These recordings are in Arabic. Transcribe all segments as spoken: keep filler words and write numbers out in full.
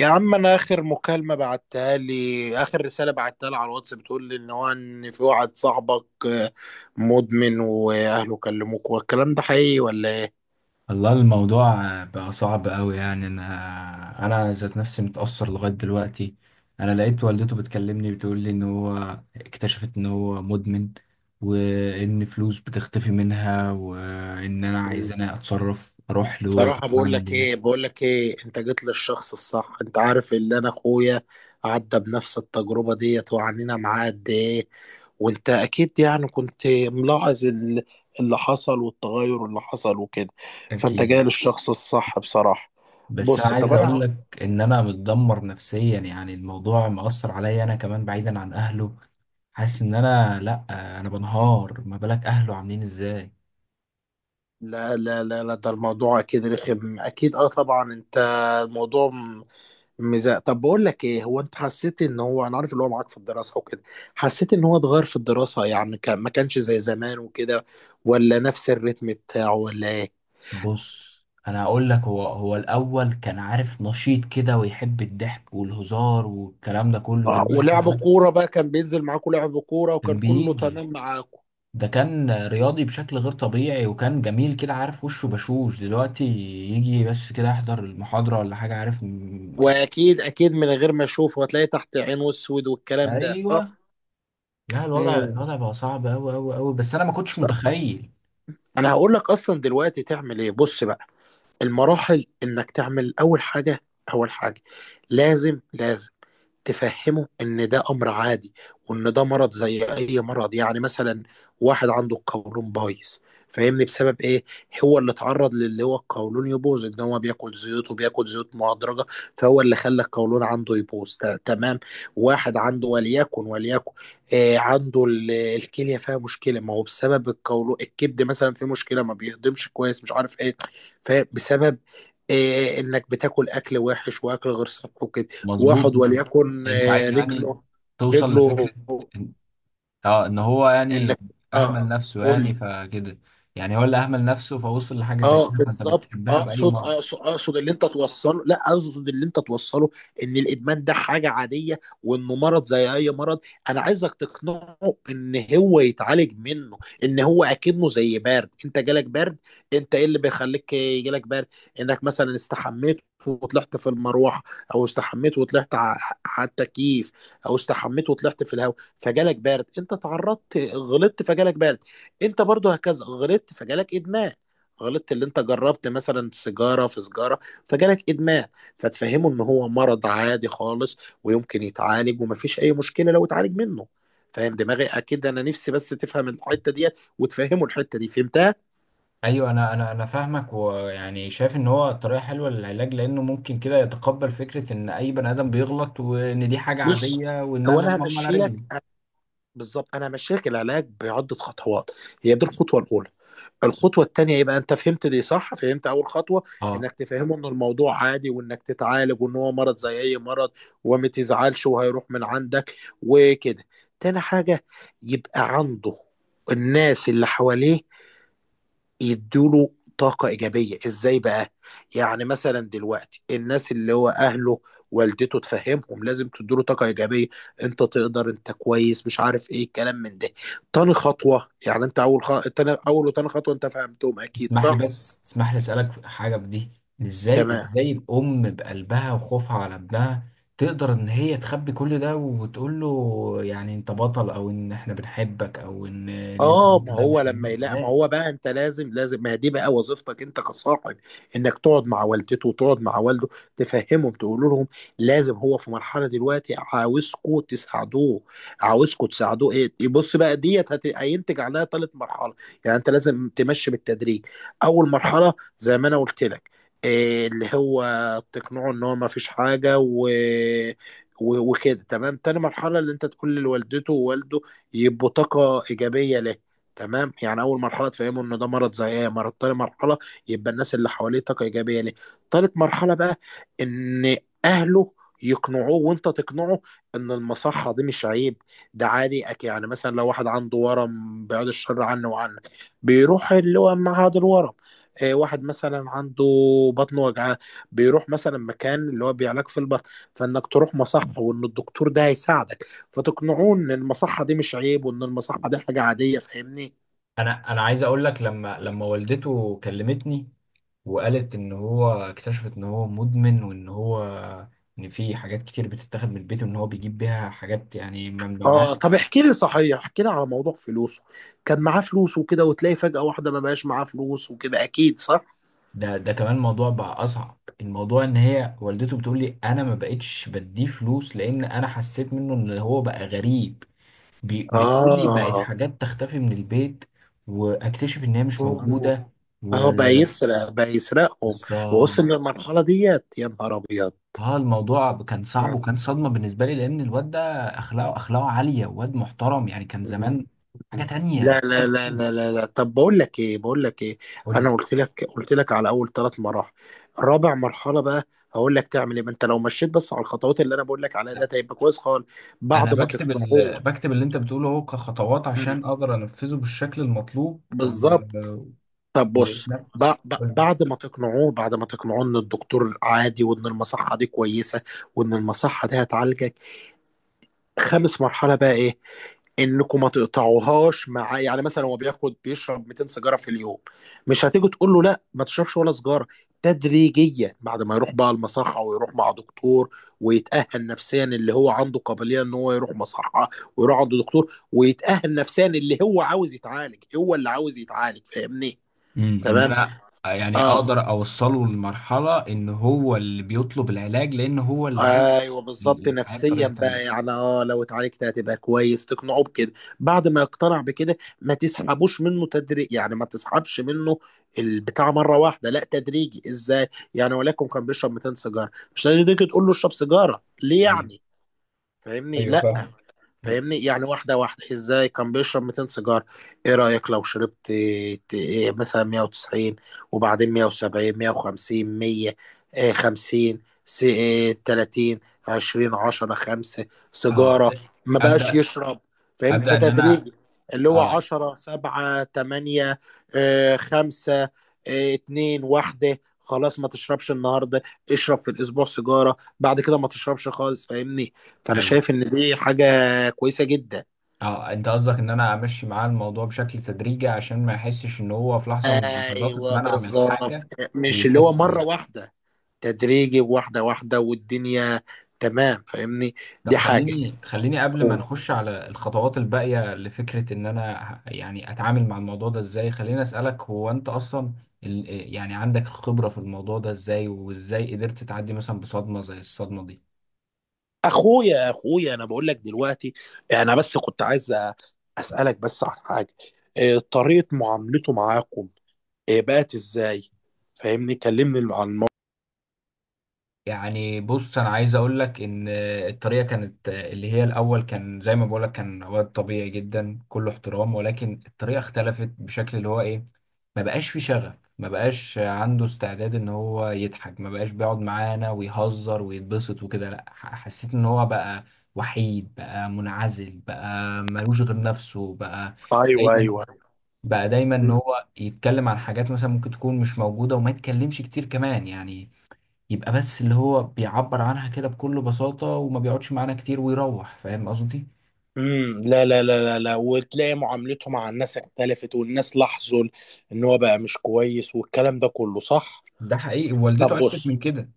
يا عم انا اخر مكالمه بعتها لي، اخر رساله بعتها لي على الواتس، بتقول لي ان هو، ان في واحد صاحبك آه، مدمن واهله كلموك، والكلام ده حقيقي ولا ايه؟ والله الموضوع بقى صعب قوي، يعني انا انا ذات نفسي متأثر لغاية دلوقتي. انا لقيت والدته بتكلمني بتقول لي ان هو اكتشفت ان هو مدمن، وان فلوس بتختفي منها، وان انا مم. عايز انا اتصرف اروح له بصراحه بقول اعمل لك ايه ايه؟ بقول لك ايه انت جيت للشخص الصح. انت عارف اللي، انا اخويا عدى بنفس التجربه ديت، وعنينا معاه قد ايه. وانت اكيد يعني كنت ملاحظ ال- اللي حصل، والتغير اللي حصل وكده. فانت جاي اكيد. للشخص الصح بصراحه. بس بص انا طب عايز اقول انا، لك ان انا متدمر نفسيا، يعني الموضوع مأثر عليا انا كمان بعيدا عن اهله. حاسس ان انا لا، انا بنهار، ما بالك اهله عاملين ازاي. لا لا لا لا، ده الموضوع اكيد رخم، اكيد اه طبعا. انت الموضوع م- مزاق. طب بقول لك ايه، هو انت حسيت ان هو، انا عارف اللي هو معاك في الدراسه وكده، حسيت ان هو اتغير في الدراسه؟ يعني كان، ما كانش زي زمان وكده، ولا نفس الريتم بتاعه ولا ايه؟ بص، انا هقول لك، هو هو الاول كان، عارف، نشيط كده ويحب الضحك والهزار والكلام ده كله، آه، دلوقتي، ولعب عارف، كوره بقى، كان بينزل معاكوا لعب كوره وكان كان كله بيجي. تمام معاكوا. ده كان رياضي بشكل غير طبيعي، وكان جميل كده، عارف، وشه بشوش. دلوقتي يجي بس كده يحضر المحاضرة ولا حاجة، عارف، م- واكيد اكيد من غير ما اشوف، هتلاقي تحت عينه اسود، والكلام ده صح. ايوه. لا، الوضع، امم الوضع بقى صعب قوي قوي قوي، بس انا ما كنتش متخيل. انا هقول لك اصلا دلوقتي تعمل ايه. بص بقى المراحل، انك تعمل اول حاجه، اول حاجه، لازم لازم تفهمه ان ده امر عادي، وان ده مرض زي اي مرض. يعني مثلا واحد عنده القولون بايظ، فاهمني؟ بسبب ايه هو اللي اتعرض للي هو القولون يبوظ؟ ان هو بياكل زيوت، وبياكل زيوت مهدرجه، فهو اللي خلى القولون عنده يبوظ. ت- تمام. واحد عنده، وليكن وليكن آه، عنده ال- الكليه فيها مشكله. ما هو بسبب القولون. الكبد مثلا فيه مشكله ما بيهضمش كويس، مش عارف ايه، فبسبب إيه؟ انك بتاكل اكل وحش، واكل غير صحي وكده. مظبوط. واحد وليكن انت عايز، آه، يعني، رجله، توصل لفكرة رجله اه ان هو، يعني، انك اهمل اه، اه نفسه، قول يعني، لي. فكده. يعني هو اللي اهمل نفسه فوصل لحاجه زي اه كده، فانت بالظبط. بتحبها باي اقصد مره. اقصد اقصد اللي انت توصله، لا، اقصد اللي انت توصله، ان الادمان ده حاجه عاديه، وانه مرض زي اي مرض. انا عايزك تقنعه ان هو يتعالج منه، ان هو اكنه زي برد. انت جالك برد، انت ايه اللي بيخليك يجيلك برد؟ انك مثلا استحميت وطلعت في المروحه، او استحميت وطلعت ع- على التكييف، او استحميت وطلعت في الهواء، فجالك برد. انت تعرضت غلطت فجالك برد. انت برضو هكذا غلطت فجالك ادمان. غلطت اللي انت جربت مثلا سيجاره في سيجاره فجالك ادمان. فتفهمه ان هو مرض عادي خالص، ويمكن يتعالج، ومفيش اي مشكله لو اتعالج منه. فاهم دماغي؟ اكيد، انا نفسي بس تفهم الحته ديت وتفهمه الحته دي، فهمتها. ايوه، انا انا انا فاهمك، ويعني شايف ان هو طريقه حلوه للعلاج، لانه ممكن كده يتقبل فكره ان اي بني ادم بيغلط، وان دي حاجه بص، عاديه، وان هو انا انا لازم اقوم على همشي رجلي. لك بالظبط، انا همشيلك العلاج بعده خطوات. هي دي الخطوه الاولى. الخطوه التانيه، يبقى انت فهمت دي صح، فهمت اول خطوه، اه. انك تفهمه ان الموضوع عادي، وانك تتعالج، وان هو مرض زي اي مرض، وما تزعلش وهيروح من عندك وكده. تاني حاجه، يبقى عنده الناس اللي حواليه يدوله طاقة إيجابية. إزاي بقى؟ يعني مثلا دلوقتي الناس اللي هو أهله، والدته، تفهمهم لازم تدوله طاقة إيجابية. أنت تقدر، أنت كويس، مش عارف إيه الكلام من ده. تاني خطوة، يعني أنت أول خ... تاني... أول وتاني خطوة أنت فهمتهم أكيد تسمح لي صح؟ بس، تسمح لي اسالك في حاجه في دي. ازاي تمام. ازاي الام بقلبها وخوفها على ابنها تقدر ان هي تخبي كل ده وتقول له، يعني، انت بطل، او ان احنا بنحبك، او ان اللي انت اه، ما عملته ده هو مش لما مهم؟ يلاقي، ما ازاي؟ هو بقى، انت لازم لازم، ما هي دي بقى وظيفتك انت كصاحب، انك تقعد مع والدته وتقعد مع والده، تفهمهم، تقول لهم لازم هو في مرحله دلوقتي، عاوزكوا تساعدوه، عاوزكوا تساعدوه. ايه إيه، بص بقى ديت هت- هينتج عليها ثالث مرحله. يعني انت لازم تمشي بالتدريج. اول مرحله، زي ما انا قلت لك، إيه اللي هو تقنعه ان هو ما فيش حاجه و و- وكده. تمام، تاني مرحله، اللي انت تقول لوالدته ووالده يبقوا طاقة إيجابية له. تمام، يعني أول مرحلة تفهموا إن ده مرض زي إيه مرض. تاني مرحلة، يبقى الناس اللي حواليه طاقة إيجابية له. تالت مرحلة بقى، إن أهله يقنعوه، وانت تقنعه، ان المصحة دي مش عيب، ده عادي. أك- يعني مثلا لو واحد عنده ورم، بيعود الشر عنه وعنك، بيروح اللي هو معهد الورم. آه، واحد مثلا عنده بطن وجعاه، بيروح مثلا مكان اللي هو بيعالج في البطن. فانك تروح مصحة، وان الدكتور ده هيساعدك. فتقنعوه ان المصحه دي مش عيب، وان المصحه دي حاجه عاديه، فاهمني؟ انا انا عايز اقول لك، لما لما والدته كلمتني وقالت ان هو اكتشفت ان هو مدمن، وان هو ان في حاجات كتير بتتاخد من البيت، وان هو بيجيب بيها حاجات، يعني، ممنوعه. اه، طب احكي لي صحيح، احكي لي على موضوع فلوسه. كان معاه فلوس وكده، وتلاقي فجأة واحدة ما بقاش معاه فلوس وكده، اكيد صح؟ ده ده كمان الموضوع بقى اصعب. الموضوع ان هي والدته بتقول لي انا ما بقتش بديه فلوس، لان انا حسيت منه ان هو بقى غريب. بي- بتقول لي بقت اه، حاجات تختفي من البيت، واكتشف ان هي مش موجوده. اه بقى يسرق، بقى يسرقهم، ووصل وبالظبط. للمرحلة ديت؟ يا نهار اه، الموضوع كان صعب، ابيض. وكان صدمه بالنسبه لي، لان الواد ده اخلاقه اخلاقه عاليه، واد محترم، يعني كان زمان حاجه مم. تانية لا لا تانية لا لا خالص. لا لا طب بقول لك ايه بقول لك ايه قول انا لي. قلت لك قلت لك على اول ثلاث مراحل. رابع مرحله بقى هقول لك تعمل ايه. ما انت لو مشيت بس على الخطوات اللي انا بقول لك عليها، ده هيبقى كويس خالص. انا بعد ما بكتب تقنعوه، ال... بكتب اللي انت بتقوله اهو كخطوات مم. عشان اقدر انفذه بالشكل المطلوب، و... بالظبط. طب بص، ويتنفذ. ب- ب- بعد ما تقنعوه، بعد ما تقنعوه ان الدكتور عادي، وان المصحه دي كويسه، وان المصحه دي هتعالجك، خامس مرحله بقى ايه، انكم ما تقطعوهاش. مع يعني مثلا هو بياخد بيشرب مئتين سيجاره في اليوم، مش هتيجوا تقول له لا ما تشربش ولا سيجاره. تدريجيا بعد ما يروح بقى المصحه، ويروح مع دكتور، ويتاهل نفسيا، اللي هو عنده قابليه ان هو يروح مصحه، ويروح عند دكتور، ويتاهل نفسيا، اللي هو عاوز يتعالج، هو اللي عاوز يتعالج، فاهمني؟ امم، ان تمام. انا، يعني، اه اقدر اوصله لمرحله ان هو اللي بيطلب العلاج، لان هو اللي عايز ايوه ال- بالظبط، الحياه نفسيا بطريقه تانية. بقى يعني، اه لو اتعالجت هتبقى كويس، تقنعه بكده. بعد ما يقتنع بكده، ما تسحبوش منه تدريج، يعني ما تسحبش منه البتاع مره واحده، لا، تدريجي. ازاي يعني؟ ولكن كان بيشرب مئتين سيجاره، مش هتيجي تقول له اشرب سيجاره ليه ايوه، يعني. فاهمني؟ ايوه، لا فاهم. فاهمني، يعني واحدة واحدة. ازاي كان بيشرب مئتين سيجار، ايه رأيك لو شربت ت- إيه مثلا مية وتسعين، وبعدين مية وسبعين، مية وخمسين، مية، إيه خمسين، س- إيه تلاتين، عشرين، عشرة، خمسة اه سيجارة، ت- ما بقاش ابدا. يشرب. فاهم؟ ابدا ان انا فتدريجي اللي هو اه. عشرة، سبعة، تمانية، إيه خمسة، إيه اتنين، واحدة، خلاص ما تشربش النهارده. اشرب في الاسبوع سيجاره، بعد كده ما تشربش خالص، فاهمني؟ فانا ايوه. شايف ان دي حاجه كويسه جدا. اه، انت قصدك ان انا امشي معاه الموضوع بشكل تدريجي، عشان ما يحسش ان هو في لحظه من اللحظات ايوه اتمنع من بالظبط، حاجه مش اللي هو ويحس مره بيه. واحده، تدريجي، واحده واحده والدنيا تمام، فاهمني؟ طب، دي حاجه. خليني خليني قبل ما نخش على الخطوات الباقية لفكرة إن أنا ه- يعني أتعامل مع الموضوع ده إزاي، خليني أسألك، هو أنت أصلا ال- يعني عندك الخبرة في الموضوع ده إزاي، وإزاي قدرت تعدي مثلا بصدمة زي الصدمة دي؟ اخويا اخويا، انا بقول لك دلوقتي، انا بس كنت عايز أ- اسالك بس عن حاجه. إيه، طريقه معاملته معاكم إيه، بقت ازاي؟ فاهمني، كلمني عن الموضوع. يعني، بص، انا عايز اقول لك ان الطريقه كانت، اللي هي، الاول كان زي ما بقول لك، كان واد طبيعي جدا، كله احترام، ولكن الطريقه اختلفت بشكل اللي هو ايه، ما بقاش في شغف، ما بقاش عنده استعداد ان هو يضحك، ما بقاش بيقعد معانا ويهزر ويتبسط وكده. لا، ح- حسيت ان هو بقى وحيد، بقى منعزل، بقى ملوش غير نفسه. بقى ايوه، دايما، ايوه، بقى دايما ان هو يتكلم عن حاجات مثلا ممكن تكون مش موجوده، وما يتكلمش كتير كمان، يعني يبقى بس اللي هو بيعبر عنها كده بكل بساطة، وما بيقعدش معانا كتير ويروح. فاهم قصدي؟ امم لا لا لا لا لا، وتلاقي معاملته مع الناس اختلفت، والناس لاحظوا ان هو بقى مش كويس، والكلام ده كله صح. ده حقيقي، والدته طب عرفت من بص، كده.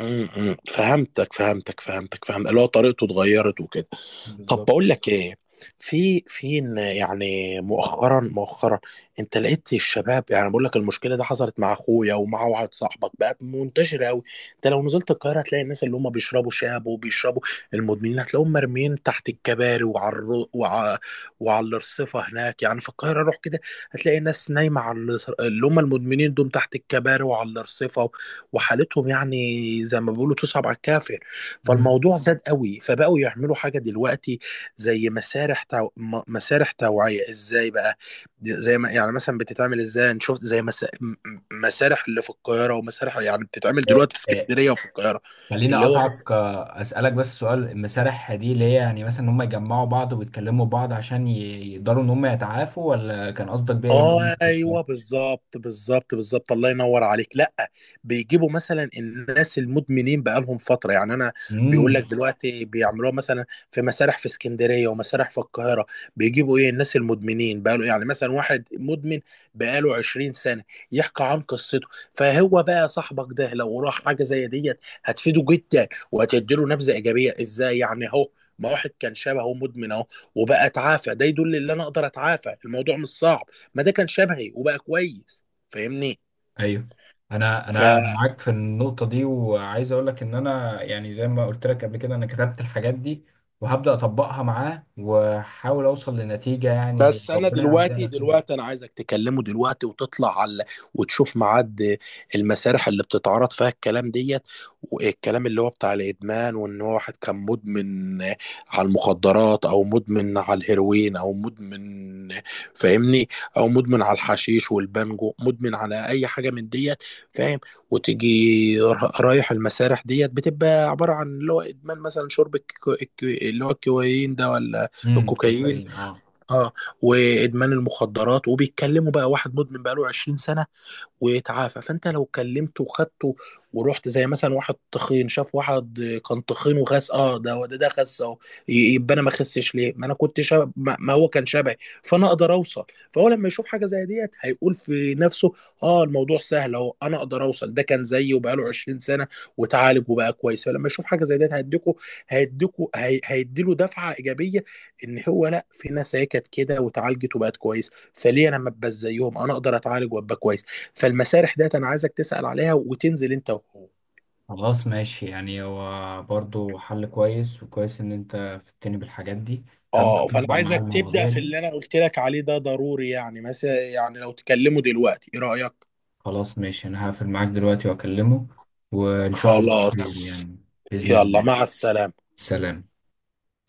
م- م. فهمتك فهمتك فهمتك، فهمت اللي هو طريقته اتغيرت وكده. طب بالظبط. بقول لك ايه، في في إن، يعني مؤخرا مؤخرا، انت لقيت الشباب، يعني بقول لك المشكله دي حصلت مع اخويا، ومع واحد صاحبك، بقت منتشره قوي. انت لو نزلت القاهره، هتلاقي الناس اللي هم بيشربوا شاب وبيشربوا، المدمنين هتلاقيهم مرميين تحت الكباري وعلى الرو... وع... وعلى الرصيفه هناك، يعني في القاهره روح كده، هتلاقي الناس نايمه على الرص- اللي هم المدمنين دول تحت الكباري وعلى الرصيفه، وحالتهم يعني زي ما بيقولوا تصعب على الكافر. مم. فالموضوع زاد قوي، فبقوا يعملوا حاجة دلوقتي، زي مسارح تو... م- مسارح توعية. ازاي بقى؟ زي ما يعني مثلا بتتعمل، ازاي، أنا شفت زي مسا... م- م- مسارح اللي في القاهرة، ومسارح يعني بتتعمل آه، دلوقتي في آه، اسكندرية وفي القاهرة. خليني اللي هو مثلا، اقطعك، آه، اسالك بس سؤال. المسارح دي اللي هي، يعني، مثلا ان هم يجمعوا بعض ويتكلموا بعض عشان ي- يقدروا ان هم يتعافوا، ولا كان قصدك بيها ايه؟ لأن أنا مش ايوه فاهم. بالظبط بالظبط بالظبط، الله ينور عليك، لا، بيجيبوا مثلا الناس المدمنين بقالهم فتره، يعني انا، بيقول لك امم. دلوقتي بيعملوها مثلا في مسارح في اسكندريه، ومسارح في القاهره، بيجيبوا ايه الناس المدمنين بقاله، يعني مثلا واحد مدمن بقاله عشرين سنه يحكي عن قصته. فهو بقى صاحبك ده لو راح حاجه زي ديت، هتفيده جدا، وهتديله نبذه ايجابيه. ازاي يعني؟ اهو ما واحد كان شبهه مدمن اهو، وبقى اتعافى، ده يدل ان انا اقدر اتعافى، الموضوع مش صعب، ما ده كان شبهي وبقى كويس، فاهمني؟ ايوه، انا ف انا أنا معاك في النقطه دي، وعايز اقول لك ان انا، يعني، زي ما قلت لك قبل كده، انا كتبت الحاجات دي، وهبدا اطبقها معاه، واحاول اوصل لنتيجه، يعني بس انا ربنا يعديها دلوقتي على خير. دلوقتي، انا عايزك تكلمه دلوقتي، وتطلع على، وتشوف ميعاد المسارح اللي بتتعرض فيها الكلام ديت، والكلام اللي هو بتاع الادمان، وان هو واحد كان مدمن على المخدرات، او مدمن على الهيروين، او مدمن، فاهمني، او مدمن على الحشيش والبانجو، مدمن على اي حاجه من ديت، فاهم؟ وتيجي را- رايح المسارح ديت، بتبقى عباره عن اللي هو ادمان مثلا شرب الك- الك- اللي هو الكوكايين ده، ولا امم. الكوكايين؟ كوكايين، اه. اه، وادمان المخدرات، وبيتكلموا بقى، واحد مدمن بقاله عشرين سنه، ويتعافى. فانت لو كلمته وخدته ورحت، زي مثلا واحد تخين شاف واحد كان تخين وخس، اه ده ده ده خس اهو، ي- يبقى انا ما خسش ليه، ما انا كنت شاب، ما ما هو كان شبهي، فانا اقدر اوصل. فهو لما يشوف حاجه زي ديت، هيقول في نفسه اه الموضوع سهل اهو، انا اقدر اوصل، ده كان زيي وبقاله عشرين سنه، وتعالج وبقى كويس. فلما يشوف حاجه زي ديت، هيديكوا، هيديكوا، هي هيديله دفعه ايجابيه، ان هو لا، في ناس هي كانت كده وتعالجت وبقت كويس، فليه انا ما ابقاش زيهم، انا اقدر اتعالج وابقى كويس. فالمسارح ديت انا عايزك تسأل عليها وتنزل انت وهو. خلاص، ماشي. يعني هو برضه حل كويس، وكويس ان انت فدتني بالحاجات دي. هبدا اه، فانا اطبق معاه عايزك تبدأ المواضيع في دي. اللي انا قلت لك عليه، ده ضروري. يعني مثلا يعني لو تكلمه دلوقتي، ايه رأيك؟ خلاص، ماشي، انا هقفل معاك دلوقتي واكلمه، وان شاء الله خير، خلاص، يعني، باذن يلا، الله. مع السلامة. سلام.